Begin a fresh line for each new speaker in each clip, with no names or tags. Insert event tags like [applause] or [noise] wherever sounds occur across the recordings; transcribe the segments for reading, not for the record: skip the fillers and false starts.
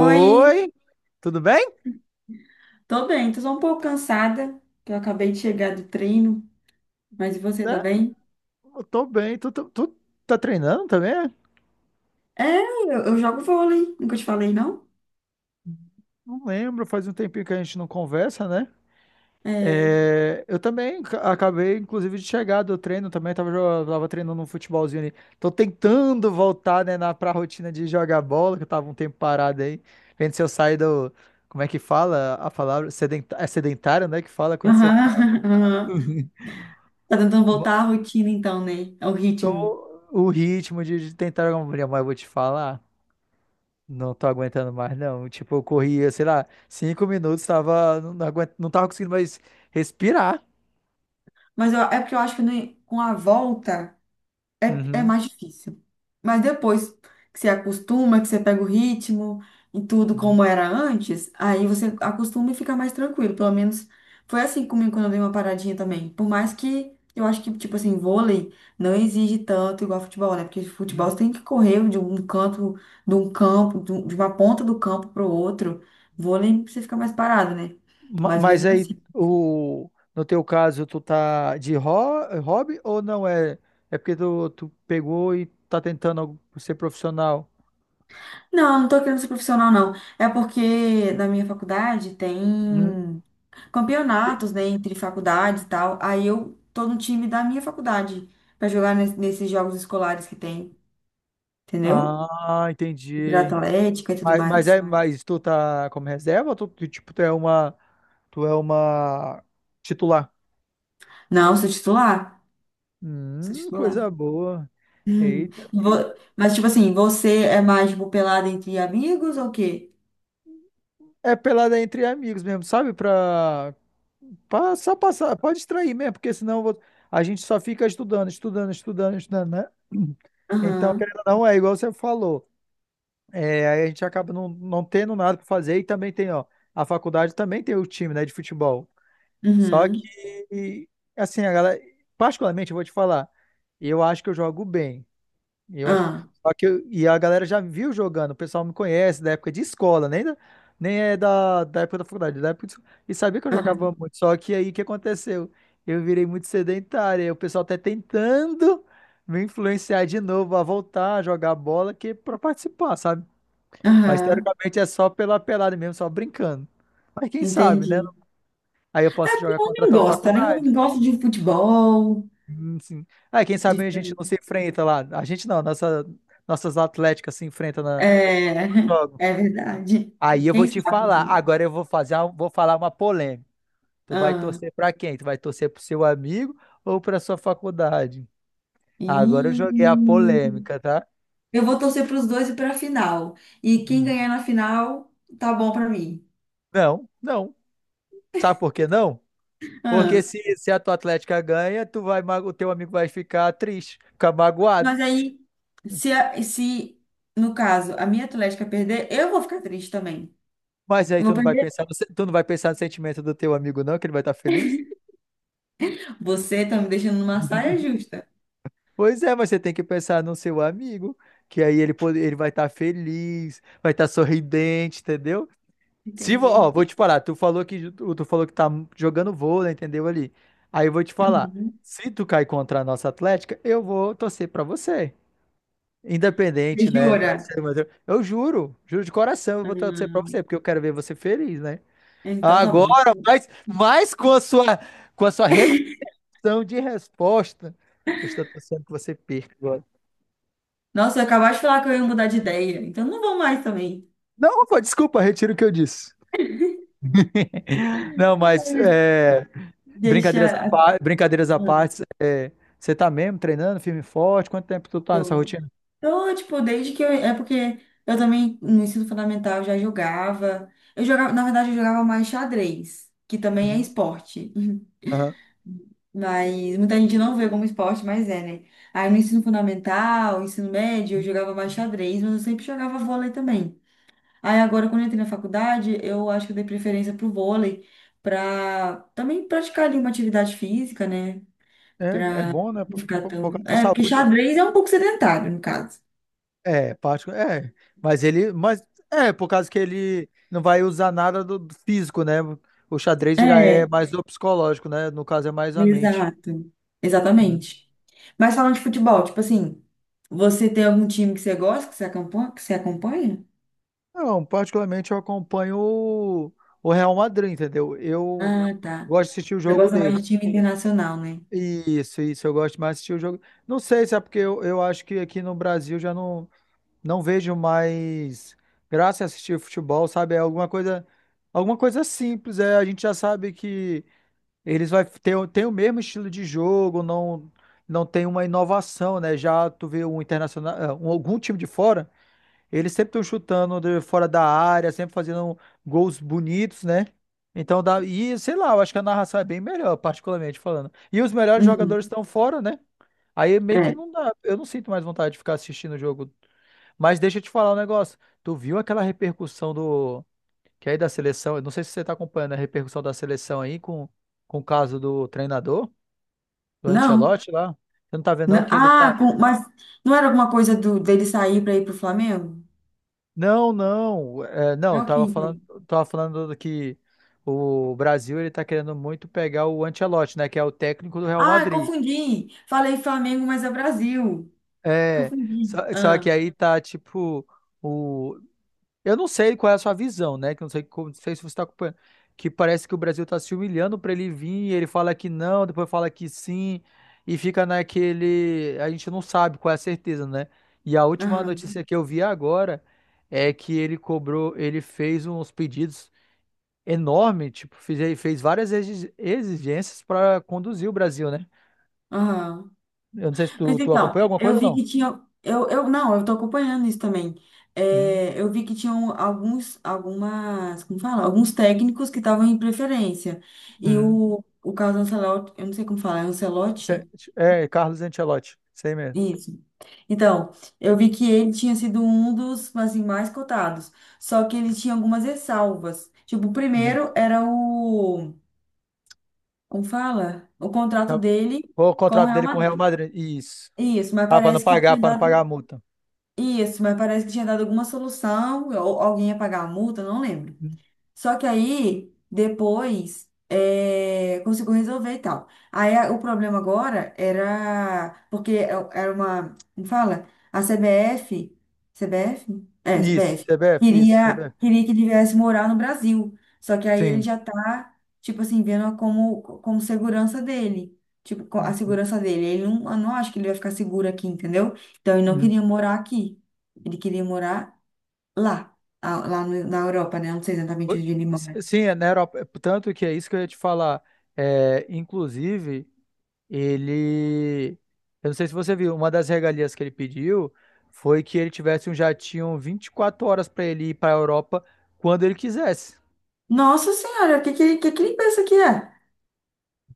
Oi,
tudo bem?
tô bem, tô só um pouco cansada, que eu acabei de chegar do treino, mas e você, tá
É,
bem?
eu tô bem. Tu tá treinando também? É?
É, eu jogo vôlei, nunca te falei, não?
Não lembro, faz um tempinho que a gente não conversa, né?
É,
É, eu também acabei, inclusive, de chegar do treino também. Tava, tava treinando um futebolzinho ali. Tô tentando voltar, né, na, pra rotina de jogar bola, que eu tava um tempo parado aí. Vendo se eu saio do. Como é que fala a palavra? Sedenta- é sedentário, né? Que fala quando você
aham,
tá.
[laughs] aham. Tá tentando voltar à rotina então, né? Ao ritmo.
Tô o ritmo de, tentar jogar uma bola, mas eu vou te falar. Não tô aguentando mais, não. Tipo, eu corria, sei lá, 5 minutos, tava, não, não aguento, não tava conseguindo mais respirar.
É porque eu acho que né, com a volta. É, é
Uhum,
mais difícil. Mas depois que você acostuma, que você pega o ritmo e tudo
uhum,
como era antes, aí você acostuma e fica mais tranquilo. Pelo menos foi assim comigo quando eu dei uma paradinha também. Por mais que eu acho que, tipo assim, vôlei não exige tanto igual futebol, né? Porque futebol
uhum.
você tem que correr de um canto, de um campo, de uma ponta do campo para o outro. Vôlei você fica mais parado, né?
Ma-
Mas
Mas
mesmo
aí,
assim.
o, no teu caso, tu tá de é hobby ou não é? É porque tu, pegou e tá tentando ser profissional.
Não, não tô querendo ser profissional, não. É porque na minha faculdade
Uhum.
tem campeonatos, né, entre faculdades e tal. Aí eu tô no time da minha faculdade pra jogar nesses jogos escolares que tem, entendeu?
Ah,
Pra
entendi.
atlética e tudo
Mas
mais.
é, mas tu tá como reserva ou tu, tipo, tu é uma titular?
Não, sou titular. Sou titular.
Coisa boa.
Hum.
Eita, pô.
Mas, tipo assim, você é mais, tipo, pelada entre amigos ou o quê?
É pelada entre amigos mesmo, sabe? Pra só passar, pode distrair mesmo, porque senão eu vou, a gente só fica estudando, estudando, estudando, estudando, né? [clears throat] Então,
Aham.
querendo ou não, é igual você falou. É, aí a gente acaba não tendo nada para fazer e também tem, ó, a faculdade também tem o time, né, de futebol. Só
Uhum.
que, assim, a galera, particularmente, eu vou te falar, eu acho que eu jogo bem. Eu acho.
Ah.
Só que e a galera já me viu jogando, o pessoal me conhece da época de escola, nem, da- nem é da época da faculdade, da época de escola. E sabia que eu jogava
Aham.
muito. Só que aí o que aconteceu? Eu virei muito sedentário, e o pessoal tá tentando me influenciar de novo a voltar a jogar bola que pra participar, sabe? Mas
Aham.
teoricamente é só pela pelada mesmo, só brincando. Mas quem sabe,
Entendi.
né? Aí eu
É
posso
que
jogar
o
contra a
homem
tua
gosta, né? O
faculdade.
homem gosta de futebol,
Sim. Aí quem sabe
de...
a gente não se enfrenta lá. A gente não, nossa, nossas atléticas se enfrentam
É, [laughs]
jogo.
é verdade.
Aí eu vou
Quem
te
sabe?
falar.
Um
Agora eu vou fazer uma, vou falar uma polêmica. Tu vai
dia.
torcer pra quem? Tu vai torcer pro seu amigo ou pra sua faculdade? Agora eu
E
joguei a polêmica, tá?
eu vou torcer para os dois e para a final. E quem
Hum.
ganhar na final, tá bom para mim.
Não, não. Sabe por que não? Porque
Ah,
se a tua Atlética ganha, tu vai, o teu amigo vai ficar triste, ficar magoado.
mas aí, se no caso a minha Atlética perder, eu vou ficar triste também.
Mas aí
Eu vou
tu não vai
perder.
pensar no, tu não vai pensar no sentimento do teu amigo, não, que ele vai estar feliz?
Você tá me deixando numa saia justa.
Pois é, mas você tem que pensar no seu amigo, que aí ele, ele vai estar feliz, vai estar sorridente, entendeu? Se, ó,
Entendi.
vou te falar, tu falou que tá jogando vôlei, entendeu ali? Aí eu vou te falar,
Uhum.
se tu cair contra a nossa Atlética, eu vou torcer pra você. Independente, né, da
Jura?
ser eu juro, juro de coração, eu vou torcer pra
Hum,
você, porque eu quero ver você feliz, né?
então tá bom.
Agora, mas com a sua repetição de resposta, eu estou torcendo que você perca agora.
Nossa, eu acabaste de falar que eu ia mudar de ideia. Então não vou mais também.
Não, pô, desculpa, retiro o que eu disse. [laughs] Não, mas é,
Deixa.
brincadeiras à
a-
parte, brincadeiras à
Ah,
parte, é, você tá mesmo treinando firme e forte? Quanto tempo tu tá nessa
tô-
rotina?
Então, tipo, desde que eu. É porque eu também, no ensino fundamental, já jogava. Eu jogava, na verdade, eu jogava mais xadrez, que também é
Uhum.
esporte.
Aham.
Mas muita gente não vê como esporte, mas é, né? Aí no ensino fundamental, ensino médio, eu jogava mais xadrez, mas eu sempre jogava vôlei também. Aí agora, quando eu entrei na faculdade, eu acho que eu dei preferência pro vôlei, pra também praticar ali uma atividade física, né?
É, é
Pra
bom, né?
não ficar
Por causa
tão.
da
É, porque
saúde.
xadrez é um pouco sedentário, no caso.
É, parte, é. Mas ele, mas é por causa que ele não vai usar nada do físico, né? O xadrez já é
É.
mais do psicológico, né? No caso é mais a mente.
Exato.
Uhum.
Exatamente. Mas falando de futebol, tipo assim, você tem algum time que você gosta, que você acompanha? Que você acompanha?
Não, particularmente eu acompanho o Real Madrid, entendeu? Eu
Ah, tá.
gosto de assistir o
Você
jogo
gosta mais de
deles.
time internacional, né?
Isso, eu gosto mais de assistir o jogo. Não sei se é porque eu, acho que aqui no Brasil já não vejo mais graça em assistir futebol, sabe? É alguma coisa simples, é, a gente já sabe que eles vai ter, tem o mesmo estilo de jogo, não tem uma inovação, né? Já tu vê um internacional, ah, algum time de fora eles sempre estão chutando de fora da área, sempre fazendo gols bonitos, né? Então dá. E sei lá, eu acho que a narração é bem melhor, particularmente falando. E os melhores
Uhum.
jogadores estão fora, né? Aí meio que
É.
não dá. Eu não sinto mais vontade de ficar assistindo o jogo. Mas deixa eu te falar um negócio. Tu viu aquela repercussão do. Que é aí da seleção. Eu não sei se você tá acompanhando a repercussão da seleção aí com o caso do treinador, do
Não.
Ancelotti lá. Você não tá vendo, não,
Não.
que ele tá.
Mas não era alguma coisa do, dele sair para ir pro Flamengo?
Não, não, é,
É
não,
o quê,
tava falando,
então?
tava falando do que o Brasil ele tá querendo muito pegar o Ancelotti, né, que é o técnico do Real
Ah,
Madrid.
confundi. Falei Flamengo, mas é Brasil.
É, só,
Confundi.
só que
Ah,
aí tá tipo o, eu não sei qual é a sua visão, né, que eu não sei, como- não sei se você tá acompanhando, que parece que o Brasil tá se humilhando pra ele vir, e ele fala que não, depois fala que sim e fica naquele, a gente não sabe qual é a certeza, né? E a última
aham,
notícia que eu vi agora é que ele cobrou, ele fez uns pedidos enorme, tipo, fez, fez várias exigências para conduzir o Brasil, né?
aham.
Eu não sei se tu,
Mas
tu
então,
acompanha alguma
eu
coisa ou
vi
não.
que tinha. Não, eu tô acompanhando isso também.
Uhum,
É, eu vi que tinham alguns, algumas, como fala? Alguns técnicos que estavam em preferência. E
uhum.
o Carlos Ancelotti, eu não sei como falar, é
Cê-
Ancelotti?
É, Carlos Ancelotti, sei mesmo.
Isso. Então, eu vi que ele tinha sido um dos, assim, mais cotados. Só que ele tinha algumas ressalvas. Tipo, o
Uhum.
primeiro era o, como fala? O contrato
Tá.
dele
O
com o
contrato
Real
dele com o Real
Madrid.
Madrid, isso.
Isso, mas
Ah,
parece que tinha
para não pagar
dado.
a multa.
Isso, mas parece que tinha dado alguma solução, ou alguém ia pagar a multa, não lembro.
Uhum.
Só que aí, depois, é, conseguiu resolver e tal. O problema agora era. Era uma. Como fala? A CBF. CBF? É,
Isso,
CBF.
CBF, isso,
Queria,
CBF.
queria que ele viesse morar no Brasil. Só que aí ele
Sim.
já tá, tipo assim, vendo como, como segurança dele. Tipo, a segurança dele. Ele não, eu não acho que ele vai ficar seguro aqui, entendeu? Então ele não
Uhum.
queria morar aqui. Ele queria morar lá, lá na Europa, né? Eu não sei exatamente
Oi,
onde ele mora.
sim, é na Europa. É, tanto que é isso que eu ia te falar. É, inclusive. Ele. Eu não sei se você viu, uma das regalias que ele pediu foi que ele tivesse um jatinho 24 horas para ele ir para a Europa quando ele quisesse.
Nossa Senhora, o que ele pensa que é?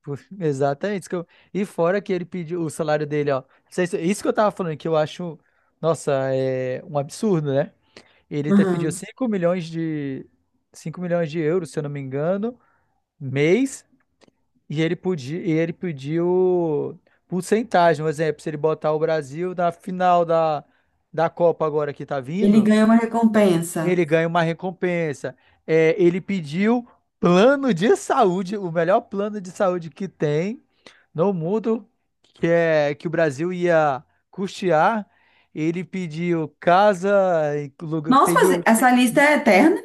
[laughs] Exatamente. Isso que eu. E fora que ele pediu o salário dele, ó. Isso que eu tava falando, que eu acho, nossa, é um absurdo, né? Ele pediu
Aham.
5 milhões de euros, se eu não me engano, mês. E ele podia, e ele pediu porcentagem, um exemplo, se ele botar o Brasil na final da, da Copa agora que tá
Ele
vindo,
ganhou uma
ele
recompensa.
ganha uma recompensa. É, ele pediu plano de saúde, o melhor plano de saúde que tem no mundo, que é que o Brasil ia custear. Ele pediu casa, e lugar,
Nossa,
peguei
mas
o
essa lista é eterna?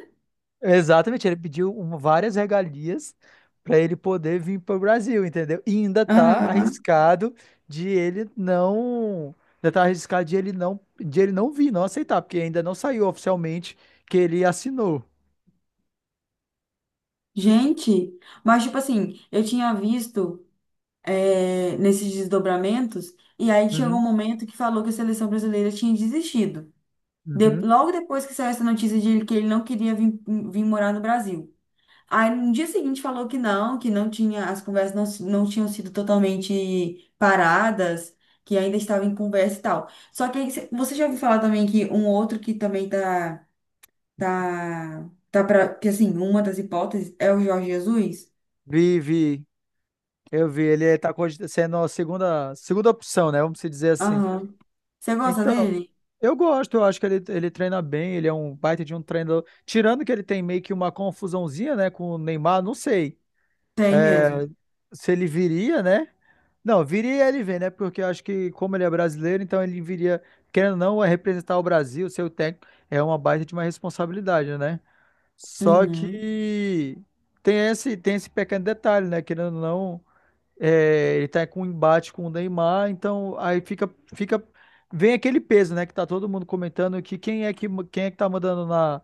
exatamente, ele pediu várias regalias para ele poder vir para o Brasil, entendeu? E ainda tá
Aham.
arriscado de ele não, ainda tá arriscado de ele não, vir, não aceitar, porque ainda não saiu oficialmente que ele assinou.
Gente, mas tipo assim, eu tinha visto, é, nesses desdobramentos, e aí chegou um
Uhum,
momento que falou que a seleção brasileira tinha desistido.
uhum.
Logo depois que saiu essa notícia de que ele não queria vir, vir morar no Brasil. Aí no dia seguinte falou que não tinha, as conversas não, não tinham sido totalmente paradas, que ainda estava em conversa e tal. Só que aí você já ouviu falar também que um outro que também tá, tá pra, que assim, uma das hipóteses é o Jorge Jesus?
Vi, vi, eu vi, ele tá cogit- sendo a segunda opção, né? Vamos se dizer assim.
Aham. Você gosta
Então,
dele?
eu gosto, eu acho que ele treina bem, ele é um baita de um treinador. Tirando que ele tem meio que uma confusãozinha, né, com o Neymar, não sei
Tem mesmo.
se ele viria, né? Não, viria ele vem, né? Porque eu acho que como ele é brasileiro, então ele viria, querendo ou não, é representar o Brasil, ser o técnico, é uma baita de uma responsabilidade, né? Só
Uhum.
que tem esse pequeno detalhe, né? Querendo ou não, é, ele tá com um embate com o Neymar, então aí fica, vem aquele peso, né? Que tá todo mundo comentando que quem é que tá mandando na,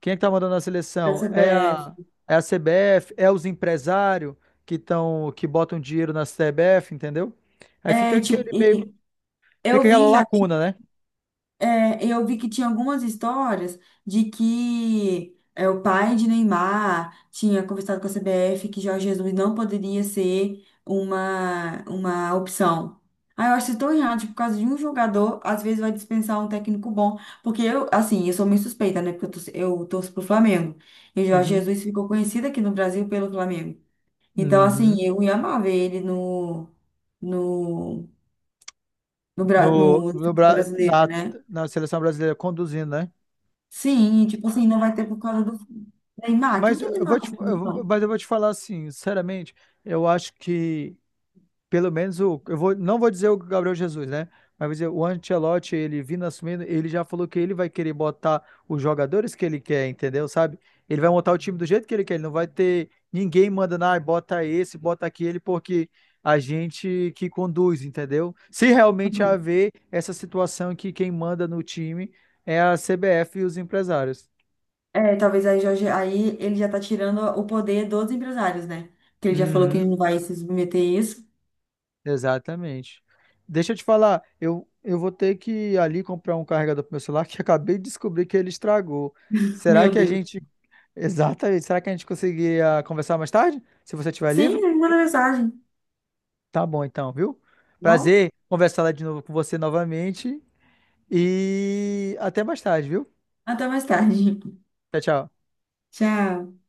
quem é que tá mandando na
Da
seleção? É
CBF.
a, é a CBF, é os empresários que tão, que botam dinheiro na CBF, entendeu? Aí fica
É, tipo,
aquele meio,
e eu
fica aquela
vi já.
lacuna, né?
É, eu vi que tinha algumas histórias de que é, o pai de Neymar tinha conversado com a CBF que Jorge Jesus não poderia ser uma opção. Ah, eu acho isso tão errado, tipo, por causa de um jogador, às vezes vai dispensar um técnico bom. Porque eu, assim, eu sou meio suspeita, né? Porque eu torço pro Flamengo. E o Jorge
Uhum,
Jesus ficou conhecido aqui no Brasil pelo Flamengo. Então, assim,
uhum.
eu ia amar ver ele no, no, no,
No,
no, no
no, Bra-
brasileiro,
na,
né?
na seleção brasileira conduzindo, né?
Sim, e, tipo assim, não vai ter por causa do Neymar. Quem
Mas
que é
eu vou
Neymar
te,
na
eu vou-
produção?
mas eu vou te falar assim, sinceramente, eu acho que pelo menos o, eu vou, não vou dizer o Gabriel Jesus, né? Mas vou dizer, o Ancelotti, ele vindo assumindo, ele já falou que ele vai querer botar os jogadores que ele quer, entendeu? Sabe? Ele vai montar o time do jeito que ele quer, ele não vai ter ninguém mandando, ah, bota esse, bota aquele, porque a gente que conduz, entendeu? Se realmente
Uhum.
haver essa situação que quem manda no time é a CBF e os empresários.
É, talvez aí, Jorge, aí ele já tá tirando o poder dos empresários, né? Que ele já falou que ele
Uhum.
não vai se submeter a isso.
Exatamente. Deixa eu te falar, eu vou ter que ir ali comprar um carregador pro meu celular que eu acabei de descobrir que ele estragou. Será
Meu
que a
Deus.
gente. [laughs] Exatamente. Será que a gente conseguiria conversar mais tarde? Se você estiver
Sim,
livre?
ele mandou mensagem.
Tá bom então, viu?
Bom,
Prazer conversar lá de novo com você novamente. E até mais tarde, viu?
até mais tarde.
Tchau, tchau.
[laughs] Tchau.